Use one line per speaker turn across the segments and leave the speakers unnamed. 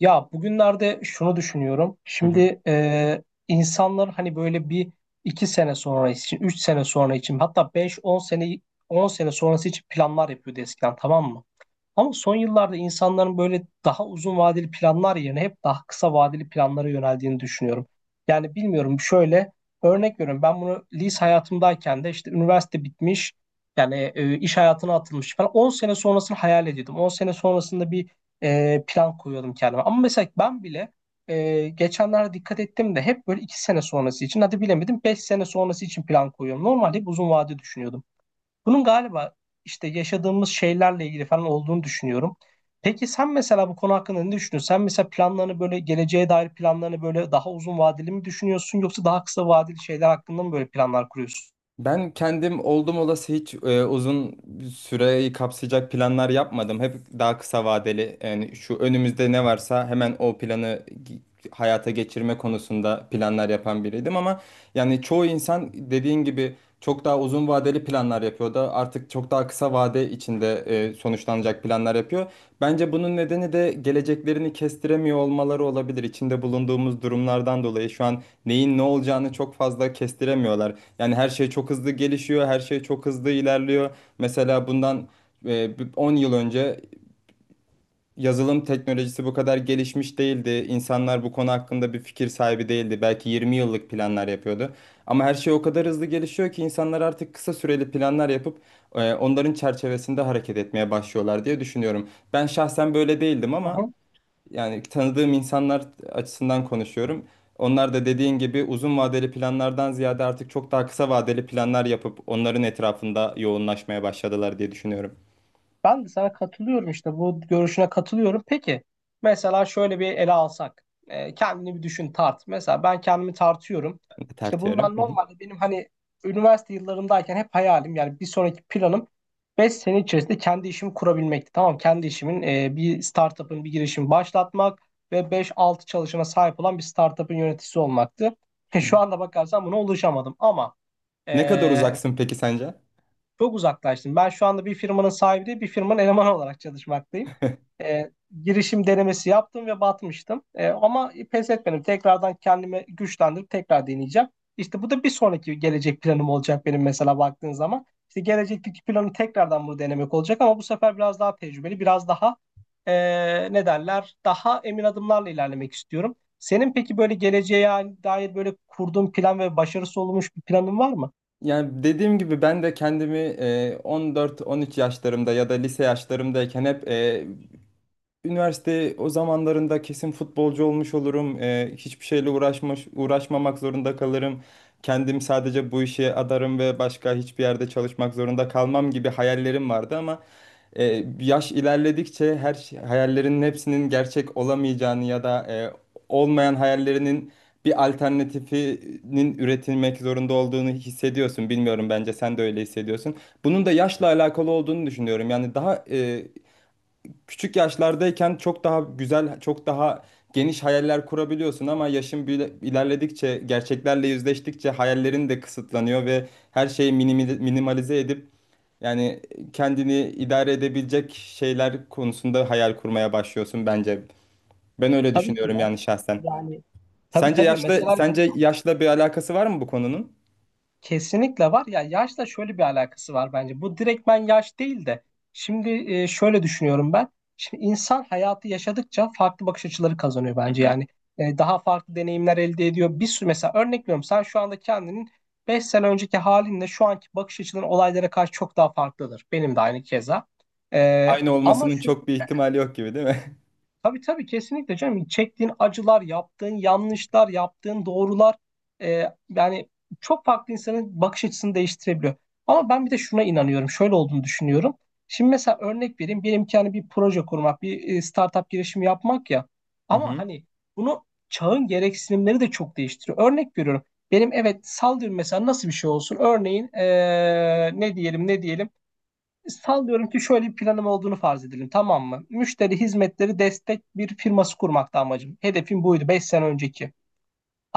Ya bugünlerde şunu düşünüyorum.
Hı hı.
Şimdi insanlar hani böyle bir iki sene sonra için, üç sene sonra için hatta beş, on sene, on sene sonrası için planlar yapıyordu eskiden, tamam mı? Ama son yıllarda insanların böyle daha uzun vadeli planlar yerine hep daha kısa vadeli planlara yöneldiğini düşünüyorum. Yani bilmiyorum, şöyle örnek veriyorum, ben bunu lise hayatımdayken de işte üniversite bitmiş yani iş hayatına atılmış falan 10 sene sonrasını hayal ediyordum. 10 sene sonrasında bir plan koyuyordum kendime. Ama mesela ben bile geçenlerde dikkat ettim de hep böyle 2 sene sonrası için, hadi bilemedim 5 sene sonrası için plan koyuyorum. Normalde hep uzun vade düşünüyordum. Bunun galiba işte yaşadığımız şeylerle ilgili falan olduğunu düşünüyorum. Peki sen mesela bu konu hakkında ne düşünüyorsun? Sen mesela planlarını, böyle geleceğe dair planlarını böyle daha uzun vadeli mi düşünüyorsun, yoksa daha kısa vadeli şeyler hakkında mı böyle planlar kuruyorsun?
Ben kendim oldum olası hiç uzun süreyi kapsayacak planlar yapmadım. Hep daha kısa vadeli, yani şu önümüzde ne varsa hemen o hayata geçirme konusunda planlar yapan biriydim. Ama yani çoğu insan dediğin gibi çok daha uzun vadeli planlar yapıyor da artık çok daha kısa vade içinde sonuçlanacak planlar yapıyor. Bence bunun nedeni de geleceklerini kestiremiyor olmaları olabilir. İçinde bulunduğumuz durumlardan dolayı şu an neyin ne olacağını çok fazla kestiremiyorlar. Yani her şey çok hızlı gelişiyor, her şey çok hızlı ilerliyor. Mesela bundan bir 10 yıl önce yazılım teknolojisi bu kadar gelişmiş değildi. İnsanlar bu konu hakkında bir fikir sahibi değildi. Belki 20 yıllık planlar yapıyordu. Ama her şey o kadar hızlı gelişiyor ki insanlar artık kısa süreli planlar yapıp onların çerçevesinde hareket etmeye başlıyorlar diye düşünüyorum. Ben şahsen böyle değildim, ama yani tanıdığım insanlar açısından konuşuyorum. Onlar da dediğin gibi uzun vadeli planlardan ziyade artık çok daha kısa vadeli planlar yapıp onların etrafında yoğunlaşmaya başladılar diye düşünüyorum.
Ben de sana katılıyorum, işte bu görüşüne katılıyorum. Peki mesela şöyle bir ele alsak. Kendini bir düşün, tart. Mesela ben kendimi tartıyorum. İşte
Tertiyorum.
bundan
Hı hı.
normalde benim hani üniversite yıllarımdayken hep hayalim, yani bir sonraki planım 5 sene içerisinde kendi işimi kurabilmekti. Tamam, kendi işimin bir startup'ın, bir girişimi başlatmak ve beş altı çalışana sahip olan bir startup'ın yöneticisi olmaktı.
Hı.
Şu anda bakarsan buna ulaşamadım ama
Ne kadar
e,
uzaksın peki sence?
çok uzaklaştım. Ben şu anda bir firmanın sahibi değil, bir firmanın elemanı olarak çalışmaktayım. Ee, girişim denemesi yaptım ve batmıştım. Ama pes etmedim. Tekrardan kendimi güçlendirip tekrar deneyeceğim. İşte bu da bir sonraki gelecek planım olacak benim, mesela baktığın zaman. İşte gelecekteki planım tekrardan bunu denemek olacak, ama bu sefer biraz daha tecrübeli, biraz daha ne derler, daha emin adımlarla ilerlemek istiyorum. Senin peki böyle geleceğe dair böyle kurduğun plan ve başarısı olmuş bir planın var mı?
Yani dediğim gibi ben de kendimi 14-13 yaşlarımda ya da lise yaşlarımdayken hep üniversite o zamanlarında kesin futbolcu olmuş olurum. Hiçbir şeyle uğraşmamak zorunda kalırım. Kendim sadece bu işe adarım ve başka hiçbir yerde çalışmak zorunda kalmam gibi hayallerim vardı, ama yaş ilerledikçe hayallerinin hepsinin gerçek olamayacağını ya da olmayan hayallerinin bir alternatifinin üretilmek zorunda olduğunu hissediyorsun. Bilmiyorum, bence sen de öyle hissediyorsun. Bunun da yaşla alakalı olduğunu düşünüyorum. Yani daha küçük yaşlardayken çok daha güzel, çok daha geniş hayaller kurabiliyorsun ama ilerledikçe, gerçeklerle yüzleştikçe hayallerin de kısıtlanıyor ve her şeyi minimalize edip yani kendini idare edebilecek şeyler konusunda hayal kurmaya başlıyorsun bence. Ben öyle
Tabii ki
düşünüyorum
ya.
yani şahsen.
Yani tabii
Sence
tabii
yaşla
mesela
sence yaşla bir alakası var mı bu konunun?
kesinlikle var ya, yaşla şöyle bir alakası var bence. Bu direktmen yaş değil de, şimdi şöyle düşünüyorum ben. Şimdi insan hayatı yaşadıkça farklı bakış açıları kazanıyor bence, yani. Daha farklı deneyimler elde ediyor. Bir sürü, mesela örnek veriyorum, sen şu anda kendinin 5 sene önceki halinle şu anki bakış açıların olaylara karşı çok daha farklıdır. Benim de aynı keza. E,
Aynı
ama
olmasının çok bir ihtimali yok gibi, değil mi?
Tabii tabii, kesinlikle canım. Çektiğin acılar, yaptığın yanlışlar, yaptığın doğrular, e, yani çok farklı, insanın bakış açısını değiştirebiliyor. Ama ben bir de şuna inanıyorum. Şöyle olduğunu düşünüyorum. Şimdi mesela örnek vereyim. Benimki imkanı bir proje kurmak, bir startup girişimi yapmak ya.
Hı
Ama
hı.
hani bunu çağın gereksinimleri de çok değiştiriyor. Örnek veriyorum. Benim, evet, sallıyorum mesela, nasıl bir şey olsun? Örneğin ne diyelim, ne diyelim? Sallıyorum ki şöyle bir planım olduğunu farz edelim, tamam mı? Müşteri hizmetleri destek bir firması kurmakta amacım. Hedefim buydu 5 sene önceki.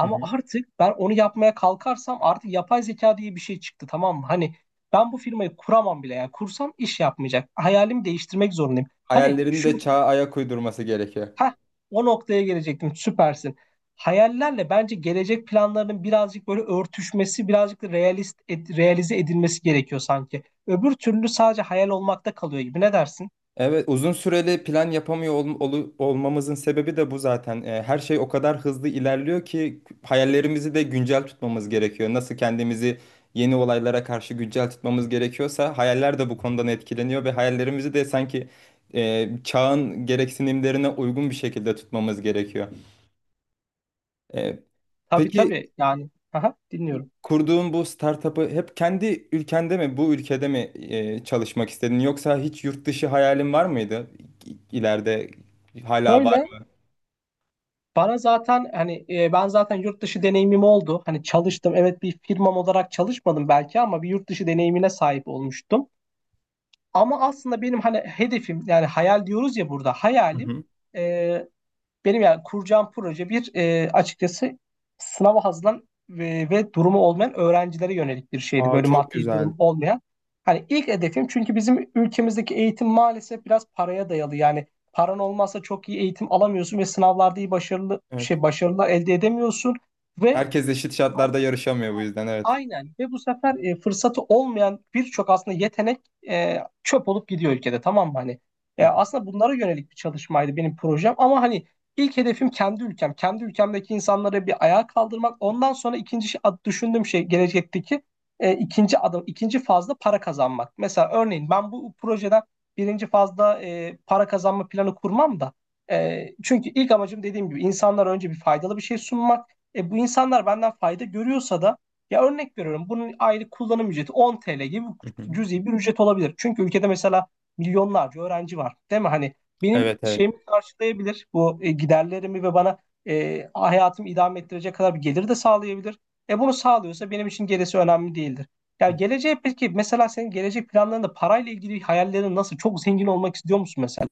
Hı hı.
artık ben onu yapmaya kalkarsam artık yapay zeka diye bir şey çıktı, tamam mı? Hani ben bu firmayı kuramam bile, yani kursam iş yapmayacak. Hayalimi değiştirmek zorundayım. Hani
Hayallerin
şu
de çağa ayak uydurması gerekiyor.
heh, o noktaya gelecektim, süpersin. Hayallerle bence gelecek planlarının birazcık böyle örtüşmesi, birazcık da realist, realize edilmesi gerekiyor sanki. Öbür türlü sadece hayal olmakta kalıyor gibi. Ne dersin?
Evet, uzun süreli plan yapamıyor olmamızın sebebi de bu zaten. Her şey o kadar hızlı ilerliyor ki hayallerimizi de güncel tutmamız gerekiyor. Nasıl kendimizi yeni olaylara karşı güncel tutmamız gerekiyorsa hayaller de bu konudan etkileniyor ve hayallerimizi de sanki çağın gereksinimlerine uygun bir şekilde tutmamız gerekiyor. Ee,
Tabii
peki
tabii, yani, aha, dinliyorum.
kurduğun bu startup'ı hep kendi ülkende mi, bu ülkede mi çalışmak istedin, yoksa hiç yurt dışı hayalin var mıydı ileride? Hala var.
Şöyle, bana zaten hani ben zaten yurt dışı deneyimim oldu. Hani çalıştım, evet, bir firmam olarak çalışmadım belki ama bir yurt dışı deneyimine sahip olmuştum. Ama aslında benim hani hedefim, yani hayal diyoruz ya, burada
Hı
hayalim
hı.
e, Benim yani kuracağım proje bir, açıkçası, sınava hazırlanan ve durumu olmayan öğrencilere yönelik bir şeydi.
Aa,
Böyle
çok
maddi
güzel.
durum olmayan. Hani ilk hedefim, çünkü bizim ülkemizdeki eğitim maalesef biraz paraya dayalı. Yani paran olmazsa çok iyi eğitim alamıyorsun ve sınavlarda iyi başarılı
Evet.
başarılar elde edemiyorsun ve
Herkes eşit şartlarda yarışamıyor bu yüzden, evet.
aynen, ve bu sefer fırsatı olmayan birçok aslında yetenek çöp olup gidiyor ülkede, tamam mı hani?
Hı hı.
Aslında bunlara yönelik bir çalışmaydı benim projem, ama hani ilk hedefim kendi ülkem. Kendi ülkemdeki insanları bir ayağa kaldırmak. Ondan sonra ikinci düşündüğüm şey gelecekteki ikinci adım, ikinci fazla para kazanmak. Mesela örneğin ben bu projeden birinci fazla para kazanma planı kurmam da, çünkü ilk amacım, dediğim gibi, insanlara önce bir faydalı bir şey sunmak. Bu insanlar benden fayda görüyorsa da, ya örnek veriyorum, bunun aylık kullanım ücreti 10 TL gibi
Hı hı.
cüzi bir ücret olabilir. Çünkü ülkede mesela milyonlarca öğrenci var değil mi? Hani benim
Evet, evet.
şeyimi karşılayabilir bu, giderlerimi ve bana hayatımı idame ettirecek kadar bir gelir de sağlayabilir. Bunu sağlıyorsa benim için gerisi önemli değildir. Ya geleceğe, peki mesela senin gelecek planlarında parayla ilgili hayallerin nasıl? Çok zengin olmak istiyor musun mesela?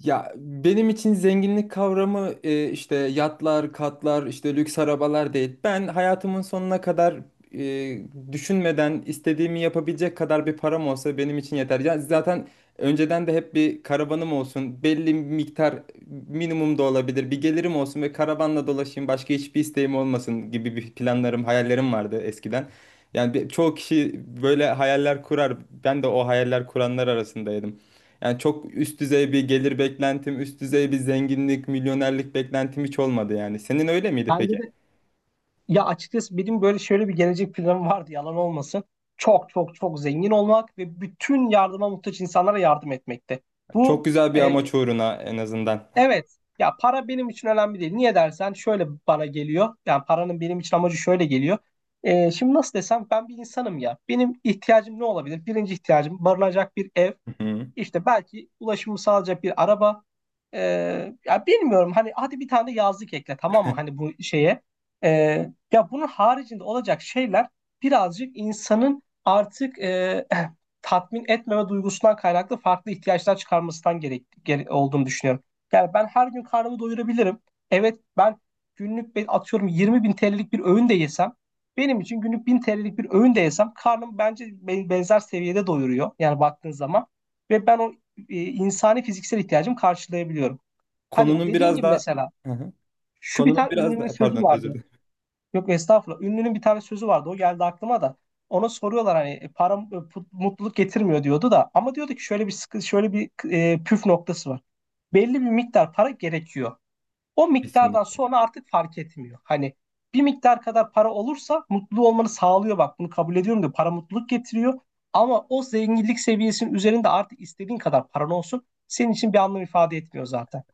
Ya benim için zenginlik kavramı, işte yatlar, katlar, işte lüks arabalar değil. Ben hayatımın sonuna kadar e, düşünmeden istediğimi yapabilecek kadar bir param olsa benim için yeter. Ya zaten önceden de hep bir karavanım olsun, belli miktar, minimum da olabilir, bir gelirim olsun ve karavanla dolaşayım, başka hiçbir isteğim olmasın gibi bir planlarım, hayallerim vardı eskiden. Çoğu kişi böyle hayaller kurar. Ben de o hayaller kuranlar arasındaydım. Yani çok üst düzey bir gelir beklentim, üst düzey bir zenginlik, milyonerlik beklentim hiç olmadı yani. Senin öyle miydi peki?
Kendi Ya açıkçası benim böyle şöyle bir gelecek planım vardı, yalan olmasın. Çok çok çok zengin olmak ve bütün yardıma muhtaç insanlara yardım etmekte.
Çok
Bu
güzel bir
e,
amaç uğruna en azından.
evet, ya para benim için önemli değil. Niye dersen, şöyle bana geliyor. Yani paranın benim için amacı şöyle geliyor. Şimdi nasıl desem, ben bir insanım ya. Benim ihtiyacım ne olabilir? Birinci ihtiyacım barınacak bir ev,
Hı hı.
işte belki ulaşımı sağlayacak bir araba. Ya bilmiyorum, hani hadi bir tane yazlık ekle, tamam mı, hani bu şeye. Ee, ya bunun haricinde olacak şeyler birazcık insanın artık, tatmin etmeme duygusundan kaynaklı farklı ihtiyaçlar çıkarmasından olduğunu düşünüyorum. Yani ben her gün karnımı doyurabilirim. Evet, ben günlük atıyorum 20 bin TL'lik bir öğün de yesem, benim için günlük 1000 TL'lik bir öğün de yesem karnım bence benzer seviyede doyuruyor. Yani baktığın zaman ve ben o insani fiziksel ihtiyacımı karşılayabiliyorum. Hani
Konunun
dediğin
biraz
gibi
daha…
mesela
Hı hı.
şu bir
Konunun
tane
biraz
ünlünün
daha,
sözü
pardon, özür
vardı.
dilerim.
Yok estağfurullah. Ünlünün bir tane sözü vardı. O geldi aklıma da. Ona soruyorlar hani, para mutluluk getirmiyor diyordu da, ama diyordu ki şöyle bir şöyle bir püf noktası var. Belli bir miktar para gerekiyor. O miktardan
Kesinlikle.
sonra artık fark etmiyor. Hani bir miktar kadar para olursa mutlu olmanı sağlıyor, bak bunu kabul ediyorum diyor. Para mutluluk getiriyor. Ama o zenginlik seviyesinin üzerinde artık istediğin kadar paran olsun senin için bir anlam ifade etmiyor zaten.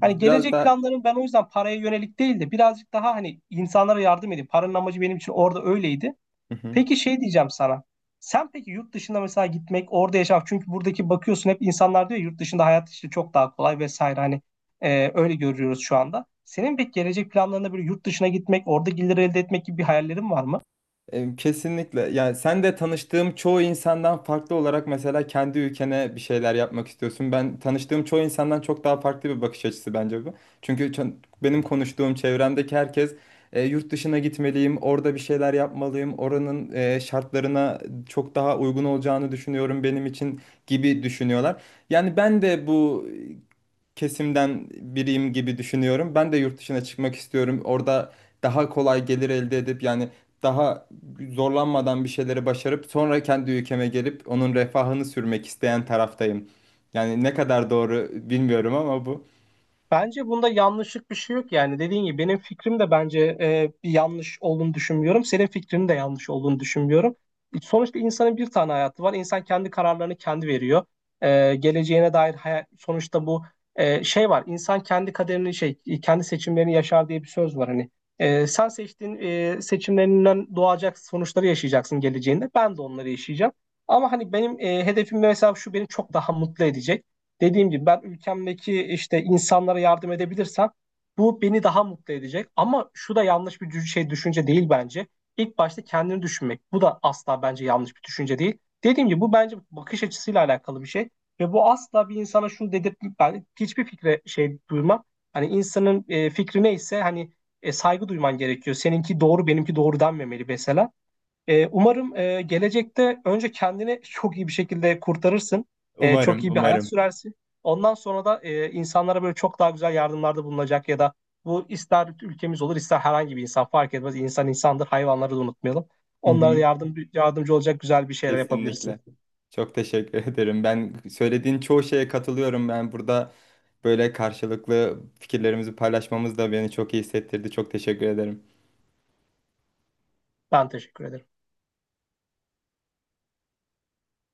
Hani gelecek
daha…
planlarım ben o yüzden paraya yönelik değil de, birazcık daha hani insanlara yardım edeyim. Paranın amacı benim için orada öyleydi.
Hı hı.
Peki şey diyeceğim sana. Sen peki yurt dışında mesela gitmek, orada yaşamak. Çünkü buradaki bakıyorsun hep insanlar diyor ya, yurt dışında hayat işte çok daha kolay vesaire. Hani öyle görüyoruz şu anda. Senin pek gelecek planlarında böyle yurt dışına gitmek, orada gelir elde etmek gibi bir hayallerin var mı?
E, kesinlikle. Yani sen de tanıştığım çoğu insandan farklı olarak mesela kendi ülkene bir şeyler yapmak istiyorsun. Ben tanıştığım çoğu insandan çok daha farklı bir bakış açısı bence bu. Çünkü ço- Benim konuştuğum çevremdeki herkes yurt dışına gitmeliyim, orada bir şeyler yapmalıyım, oranın şartlarına çok daha uygun olacağını düşünüyorum benim için gibi düşünüyorlar. Yani ben de bu kesimden biriyim gibi düşünüyorum. Ben de yurt dışına çıkmak istiyorum. Orada daha kolay gelir elde edip, yani daha zorlanmadan bir şeyleri başarıp sonra kendi ülkeme gelip onun refahını sürmek isteyen taraftayım. Yani ne kadar doğru bilmiyorum ama bu,
Bence bunda yanlışlık bir şey yok, yani dediğin gibi benim fikrim de, bence bir yanlış olduğunu düşünmüyorum. Senin fikrinin de yanlış olduğunu düşünmüyorum. Sonuçta insanın bir tane hayatı var. İnsan kendi kararlarını kendi veriyor. Geleceğine dair hayal, sonuçta bu, şey var. İnsan kendi kaderini şey kendi seçimlerini yaşar diye bir söz var hani. Sen seçtiğin, seçimlerinden doğacak sonuçları yaşayacaksın geleceğinde. Ben de onları yaşayacağım. Ama hani benim hedefim mesela şu, beni çok daha mutlu edecek. Dediğim gibi, ben ülkemdeki işte insanlara yardım edebilirsem bu beni daha mutlu edecek. Ama şu da yanlış bir düşünce değil bence. İlk başta kendini düşünmek. Bu da asla bence yanlış bir düşünce değil. Dediğim gibi bu bence bakış açısıyla alakalı bir şey. Ve bu asla bir insana şunu dedirtmek, ben hiçbir fikre şey duymam. Hani insanın fikri neyse hani, saygı duyman gerekiyor. Seninki doğru, benimki doğru denmemeli mesela. Umarım, gelecekte önce kendini çok iyi bir şekilde kurtarırsın. Çok
umarım,
iyi bir hayat
umarım.
sürersin. Ondan sonra da insanlara böyle çok daha güzel yardımlarda bulunacak ya da bu, ister ülkemiz olur ister herhangi bir insan fark etmez. İnsan insandır, hayvanları da unutmayalım.
Hı
Onlara da
hı,
yardımcı olacak güzel bir şeyler yapabilirsin.
kesinlikle. Çok teşekkür ederim. Ben söylediğin çoğu şeye katılıyorum. Ben burada böyle karşılıklı fikirlerimizi paylaşmamız da beni çok iyi hissettirdi. Çok teşekkür ederim.
Ben teşekkür ederim.